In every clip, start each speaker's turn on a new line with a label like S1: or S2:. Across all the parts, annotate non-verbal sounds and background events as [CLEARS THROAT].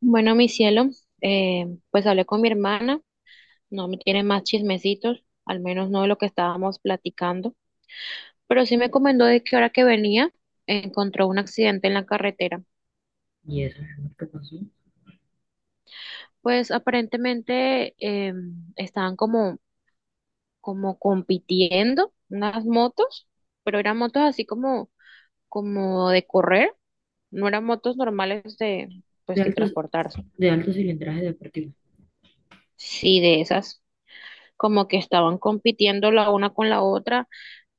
S1: Bueno, mi cielo, eh, pues hablé con mi hermana, no me tiene más chismecitos, al menos no de lo que estábamos platicando, pero sí me comentó de que ahora que venía encontró un accidente en la carretera.
S2: Y eso, mi amor, ¿qué pasó?
S1: Pues aparentemente estaban como compitiendo unas motos, pero eran motos así como de correr, no eran motos normales de,
S2: De
S1: pues, de
S2: altos,
S1: transportarse.
S2: de alto cilindraje deportivo.
S1: Sí, de esas. Como que estaban compitiendo la una con la otra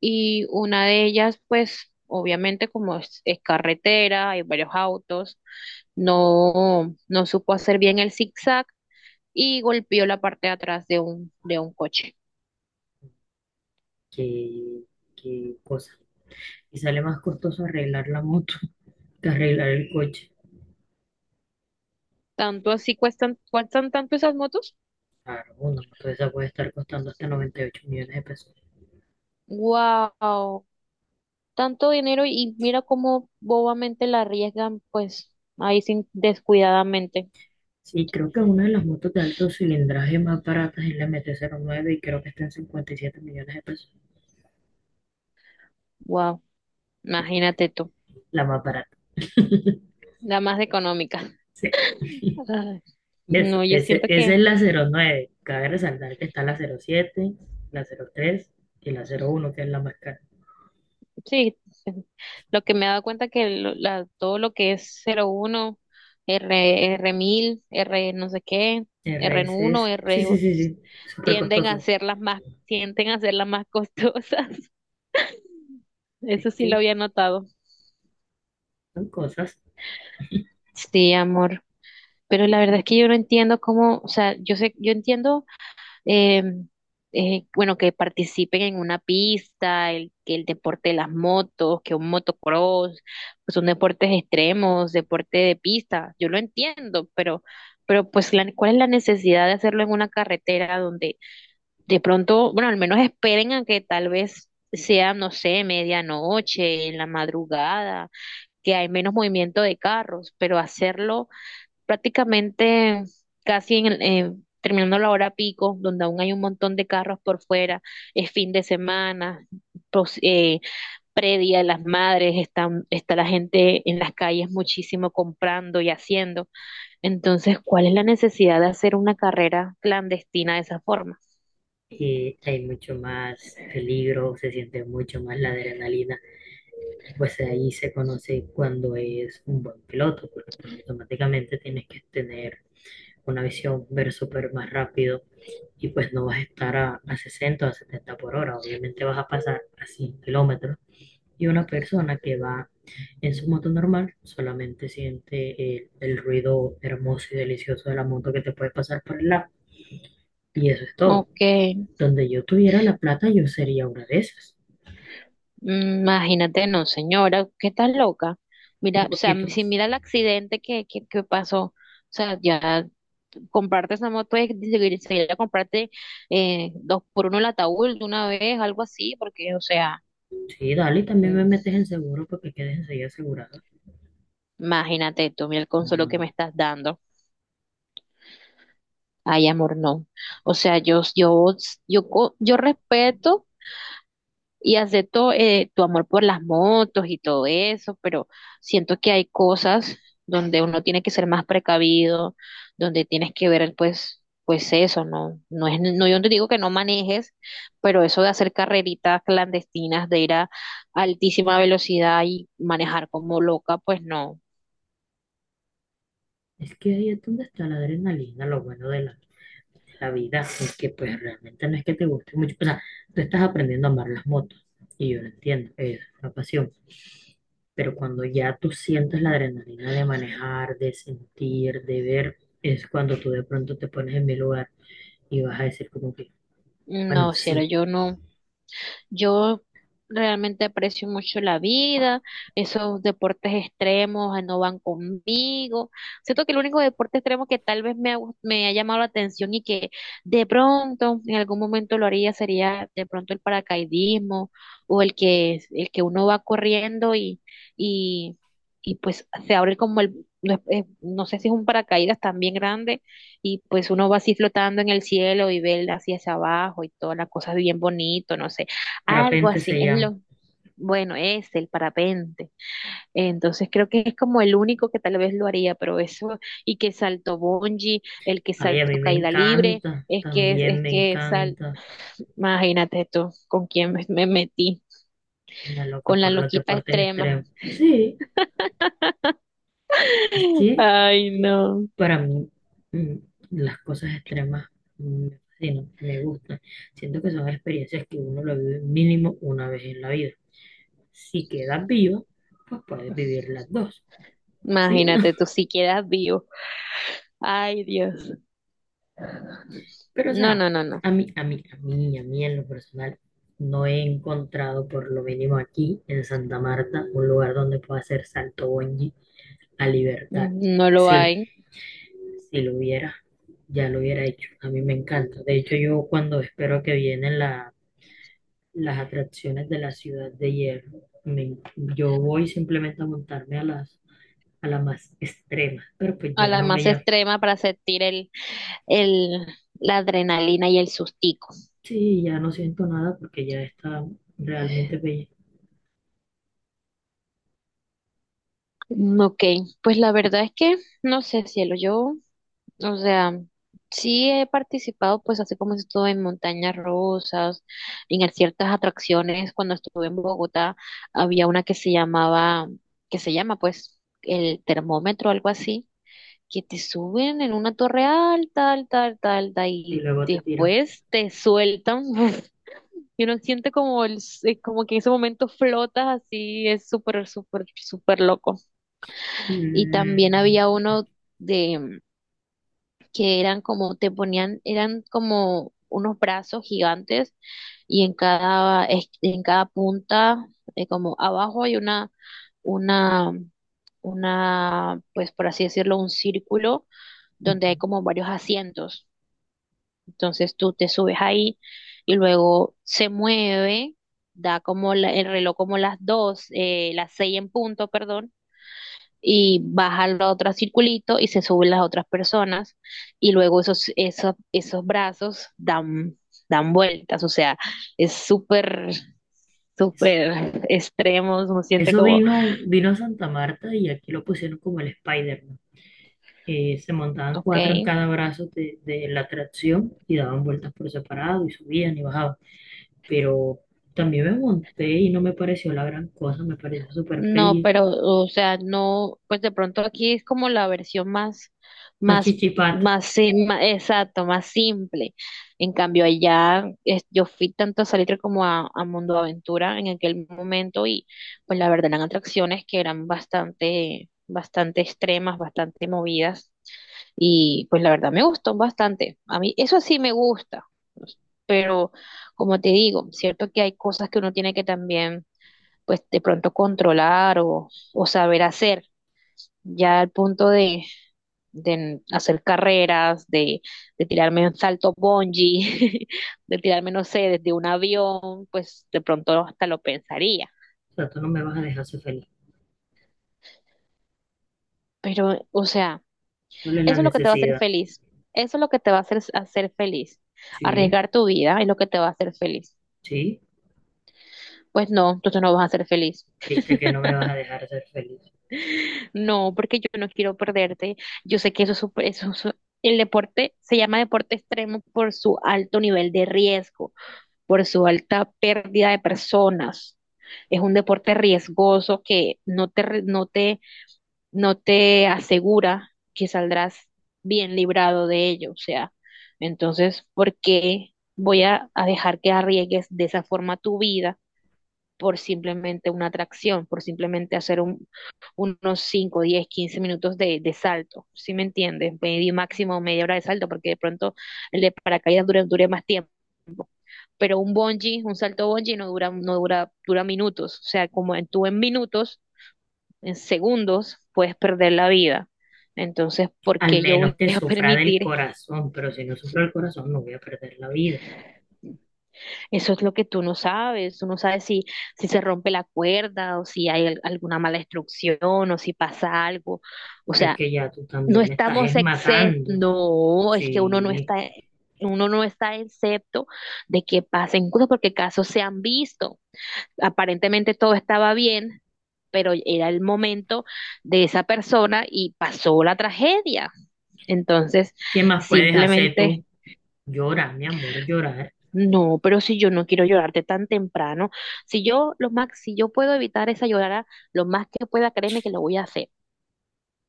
S1: y una de ellas, pues obviamente como es carretera, hay varios autos, no supo hacer bien el zigzag y golpeó la parte de atrás de de un coche.
S2: Qué, qué cosa. Y sale más costoso arreglar la moto [LAUGHS] que arreglar el coche.
S1: Tanto así cuestan, cuestan tanto esas motos.
S2: Claro, una moto de esa puede estar costando hasta 98 millones de pesos.
S1: Wow, tanto dinero y mira cómo bobamente la arriesgan, pues ahí sin descuidadamente.
S2: Sí, creo que una de las motos de alto cilindraje más baratas es la MT09 y creo que está en 57 millones de pesos.
S1: Wow, imagínate tú,
S2: La más barata.
S1: la más económica.
S2: Sí. [LAUGHS]
S1: Ay, no, yo siento
S2: Esa
S1: que
S2: es la 09. Cabe resaltar que está la 07, la 03 y la 01, que es la más cara.
S1: sí, lo que me he dado cuenta que todo lo que es 01 R, R1000 R no sé qué, r
S2: RSS.
S1: uno
S2: Sí,
S1: R
S2: sí, sí, sí. Súper
S1: tienden a
S2: costoso.
S1: ser las más, tienden a ser las más costosas. [LAUGHS]
S2: Es
S1: Eso sí lo
S2: que
S1: había notado.
S2: son cosas,
S1: Sí, amor. Pero la verdad es que yo no entiendo cómo, o sea, yo sé, yo entiendo eh, bueno, que participen en una pista, el, que el deporte de las motos, que un motocross, pues son deportes extremos, deporte de pista, yo lo entiendo, pero pues la, ¿cuál es la necesidad de hacerlo en una carretera donde de pronto, bueno, al menos esperen a que tal vez sea, no sé, medianoche, en la madrugada, que hay menos movimiento de carros, pero hacerlo prácticamente casi en, terminando la hora pico, donde aún hay un montón de carros por fuera, es fin de semana, pos- eh, predia de las madres, están, está la gente en las calles muchísimo comprando y haciendo. Entonces, ¿cuál es la necesidad de hacer una carrera clandestina de esa forma?
S2: y hay mucho más peligro, se siente mucho más la adrenalina. Y pues ahí se conoce cuando es un buen piloto, porque pues automáticamente tienes que tener una visión, ver súper más rápido. Y pues no vas a estar a 60 o a 70 por hora. Obviamente vas a pasar a 100 kilómetros. Y una persona que va en su moto normal solamente siente el ruido hermoso y delicioso de la moto que te puede pasar por el lado. Y eso es todo.
S1: Ok,
S2: Donde yo tuviera la plata, yo sería una de esas.
S1: mm, imagínate, no, señora, ¿qué estás loca?
S2: Un
S1: Mira, o sea,
S2: poquito.
S1: si mira el accidente que pasó, o sea, ya comprarte esa moto es seguir, seguir a comprarte dos por uno el ataúd de una vez, algo así, porque, o sea,
S2: Sí, dale, y también me
S1: mm,
S2: metes en seguro porque quedes enseguida asegurada.
S1: imagínate tú, mira el consuelo que
S2: No,
S1: me estás dando. Ay, amor, no. O sea, yo respeto y acepto tu amor por las motos y todo eso, pero siento que hay cosas donde uno tiene que ser más precavido, donde tienes que ver pues eso, no no es no yo no te digo que no manejes, pero eso de hacer carreritas clandestinas, de ir a altísima velocidad y manejar como loca, pues no.
S2: es que ahí es donde está la adrenalina, lo bueno de la vida, porque pues realmente no es que te guste mucho. O sea, tú estás aprendiendo a amar las motos y yo lo entiendo, es una pasión. Pero cuando ya tú sientes la adrenalina de manejar, de sentir, de ver, es cuando tú de pronto te pones en mi lugar y vas a decir como que, bueno,
S1: No, cielo,
S2: sí,
S1: yo no. Yo realmente aprecio mucho la vida, esos deportes extremos no van conmigo. Siento que el único deporte extremo que tal vez me ha, me ha llamado la atención y que de pronto en algún momento lo haría sería de pronto el paracaidismo o el que uno va corriendo y, y pues se abre como el, no, no sé si es un paracaídas también grande y pues uno va así flotando en el cielo y ve el- hacia abajo y todas las cosas bien bonito, no sé. Algo
S2: parapente
S1: así,
S2: se
S1: es
S2: llama.
S1: lo, bueno, es el parapente. Entonces creo que es como el único que tal vez lo haría, pero eso, y que salto bungee, el que
S2: Ay, a mí
S1: salto
S2: me
S1: caída libre,
S2: encanta, también
S1: es
S2: me
S1: que sal,
S2: encanta,
S1: imagínate esto, con quién me metí,
S2: una loca
S1: con la
S2: por los
S1: loquita
S2: deportes extremos.
S1: extrema.
S2: Sí, es
S1: [LAUGHS]
S2: que
S1: Ay, no.
S2: para mí, mm, las cosas extremas me fascinan, me gustan. Siento que son experiencias que uno lo vive mínimo una vez en la vida. Si quedas vivo, pues puedes vivir las dos. Sí, no.
S1: Imagínate tú si quedas vivo. Ay, Dios.
S2: Pero o
S1: No,
S2: sea,
S1: no, no, no.
S2: a mí en lo personal, no he encontrado por lo mínimo aquí en Santa Marta un lugar donde pueda hacer salto bungee a libertad.
S1: No lo
S2: Si, lo-
S1: hay.
S2: si lo hubiera, ya lo hubiera hecho. A mí me encanta. De hecho, yo cuando espero que vienen la las atracciones de la ciudad de hierro. Yo voy simplemente a montarme a las más extremas, pero pues
S1: A
S2: ya
S1: la
S2: no me
S1: más
S2: llamo.
S1: extrema para sentir el, la adrenalina y el sustico.
S2: Sí, ya no siento nada porque ya está realmente bella.
S1: Mm, ok, pues la verdad es que no sé, cielo, yo, o sea, sí he participado, pues así como estuve en Montañas Rosas, en ciertas atracciones, cuando estuve en Bogotá, había una que se llamaba, que se llama pues el termómetro, algo así, que te suben en una torre alta, alta, alta, alta,
S2: Y
S1: y
S2: luego te tiran.
S1: después te sueltan, [LAUGHS] y uno siente como, el, como que en ese momento flotas así, es súper, súper, súper loco. Y también había
S2: Mm,
S1: uno de que eran como te ponían, eran como unos brazos gigantes y en cada en cada punta como abajo hay una una pues por así decirlo un círculo donde hay
S2: ujú.
S1: como varios asientos. Entonces tú te subes ahí y luego se mueve, da como el reloj como las dos, las seis en punto, perdón y baja al otro circulito y se suben las otras personas y luego esos brazos dan, dan vueltas, o sea, es súper,
S2: Es-
S1: súper extremo, uno siente
S2: Eso
S1: como,
S2: vino a Santa Marta y aquí lo pusieron como el Spider-Man. Se montaban
S1: ok.
S2: cuatro en cada brazo de la atracción y daban vueltas por separado y subían y bajaban. Pero también me monté y no me pareció la gran cosa, me pareció súper
S1: No,
S2: pelle.
S1: pero, o sea, no, pues de pronto aquí es como la versión más,
S2: Una
S1: más,
S2: chichipata.
S1: más, exacto, más simple. En cambio, allá es- yo fui tanto a Salitre como a Mundo Aventura en aquel momento y pues la verdad eran atracciones que eran bastante, bastante extremas, bastante movidas y pues la verdad me gustó bastante. A mí eso sí me gusta, pero como te digo, cierto que hay cosas que uno tiene que también pues de pronto controlar o saber hacer, ya al punto de hacer carreras, de tirarme un salto bungee, [LAUGHS] de tirarme, no sé, desde un avión, pues de pronto hasta lo pensaría.
S2: O sea, tú no me vas a dejar ser feliz,
S1: Pero, o sea,
S2: ¿cuál es la
S1: eso es lo que te va a hacer
S2: necesidad?
S1: feliz. Eso es lo que te va a hacer, hacer feliz.
S2: Sí,
S1: Arriesgar tu vida es lo que te va a hacer feliz.
S2: sí,
S1: Pues no, tú no vas a ser feliz.
S2: viste que no me vas a dejar ser feliz.
S1: No, porque yo no quiero perderte. Yo sé que eso es súper- eso, es- el deporte se llama deporte extremo por su alto nivel de riesgo, por su alta pérdida de personas. Es un deporte riesgoso que no te, no te asegura que saldrás bien librado de ello. O sea, entonces, ¿por qué voy a dejar que arriesgues de esa forma tu vida? Por simplemente una atracción, por simplemente hacer un, unos 5, 10, 15 minutos de salto, ¿sí me entiendes? Medio máximo media hora de salto, porque de pronto el de paracaídas dure, dure más tiempo. Pero un bungee, un salto bungee no dura, no dura, dura minutos. O sea, como en, tú en minutos, en segundos, puedes perder la vida. Entonces, ¿por
S2: Al
S1: qué yo
S2: menos
S1: voy
S2: que
S1: a [LAUGHS]
S2: sufra del
S1: permitir.
S2: corazón, pero si no sufro del corazón no voy a perder la vida.
S1: Eso es lo que tú no sabes si, si se rompe la cuerda o si hay alguna mala instrucción o si pasa algo. O
S2: Pero es
S1: sea,
S2: que ya tú
S1: no
S2: también me estás
S1: estamos
S2: es
S1: excepto,
S2: matando.
S1: no, es que
S2: Sí,
S1: uno no está excepto de que pasen cosas porque casos se han visto. Aparentemente todo estaba bien, pero era el momento de esa persona y pasó la tragedia. Entonces,
S2: ¿qué más puedes hacer tú?
S1: simplemente.
S2: Llorar, mi amor, llorar.
S1: No, pero si yo no quiero llorarte tan temprano, si yo lo más, si yo puedo evitar esa llorada lo más que pueda, créeme que lo voy a hacer.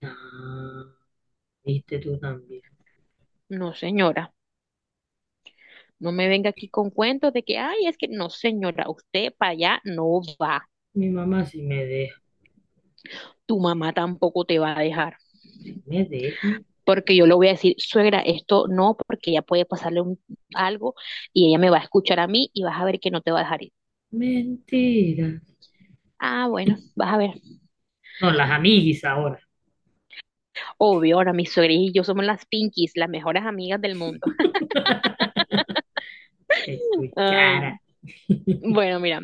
S2: Ah, viste tú también.
S1: No, señora, no me venga aquí con cuentos de que, ay, es que no, señora, usted para allá no va.
S2: Mi mamá sí me deja,
S1: Tu mamá tampoco te va a dejar,
S2: me deja.
S1: porque yo le voy a decir, suegra, esto no, porque ella puede pasarle un- algo y ella me va a escuchar a mí y vas a ver que no te va a dejar ir.
S2: Mentiras.
S1: Ah, bueno, vas a ver.
S2: No, las amiguis ahora.
S1: Obvio, ahora mi suegra y yo somos las Pinkies, las mejores amigas del mundo.
S2: [LAUGHS] Te
S1: Ay.
S2: escuchara.
S1: Bueno, mira.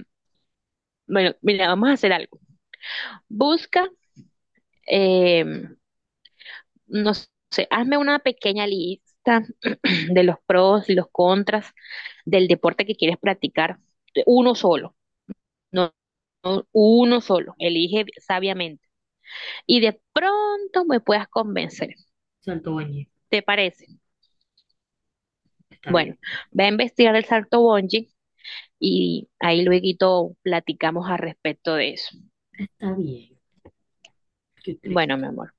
S1: Bueno, mira, vamos a hacer algo. Busca, eh, no sé, hazme una pequeña lista [CLEARS THROAT] de los pros y los contras del deporte que quieres practicar. Uno solo, no, no, uno solo. Elige sabiamente. Y de pronto me puedas convencer.
S2: Salto Bañez.
S1: ¿Te parece?
S2: Está bien.
S1: Bueno, ve a investigar el salto bungee y ahí luego platicamos al respecto de eso.
S2: Está bien. Qué
S1: Bueno,
S2: triste.
S1: mi amor.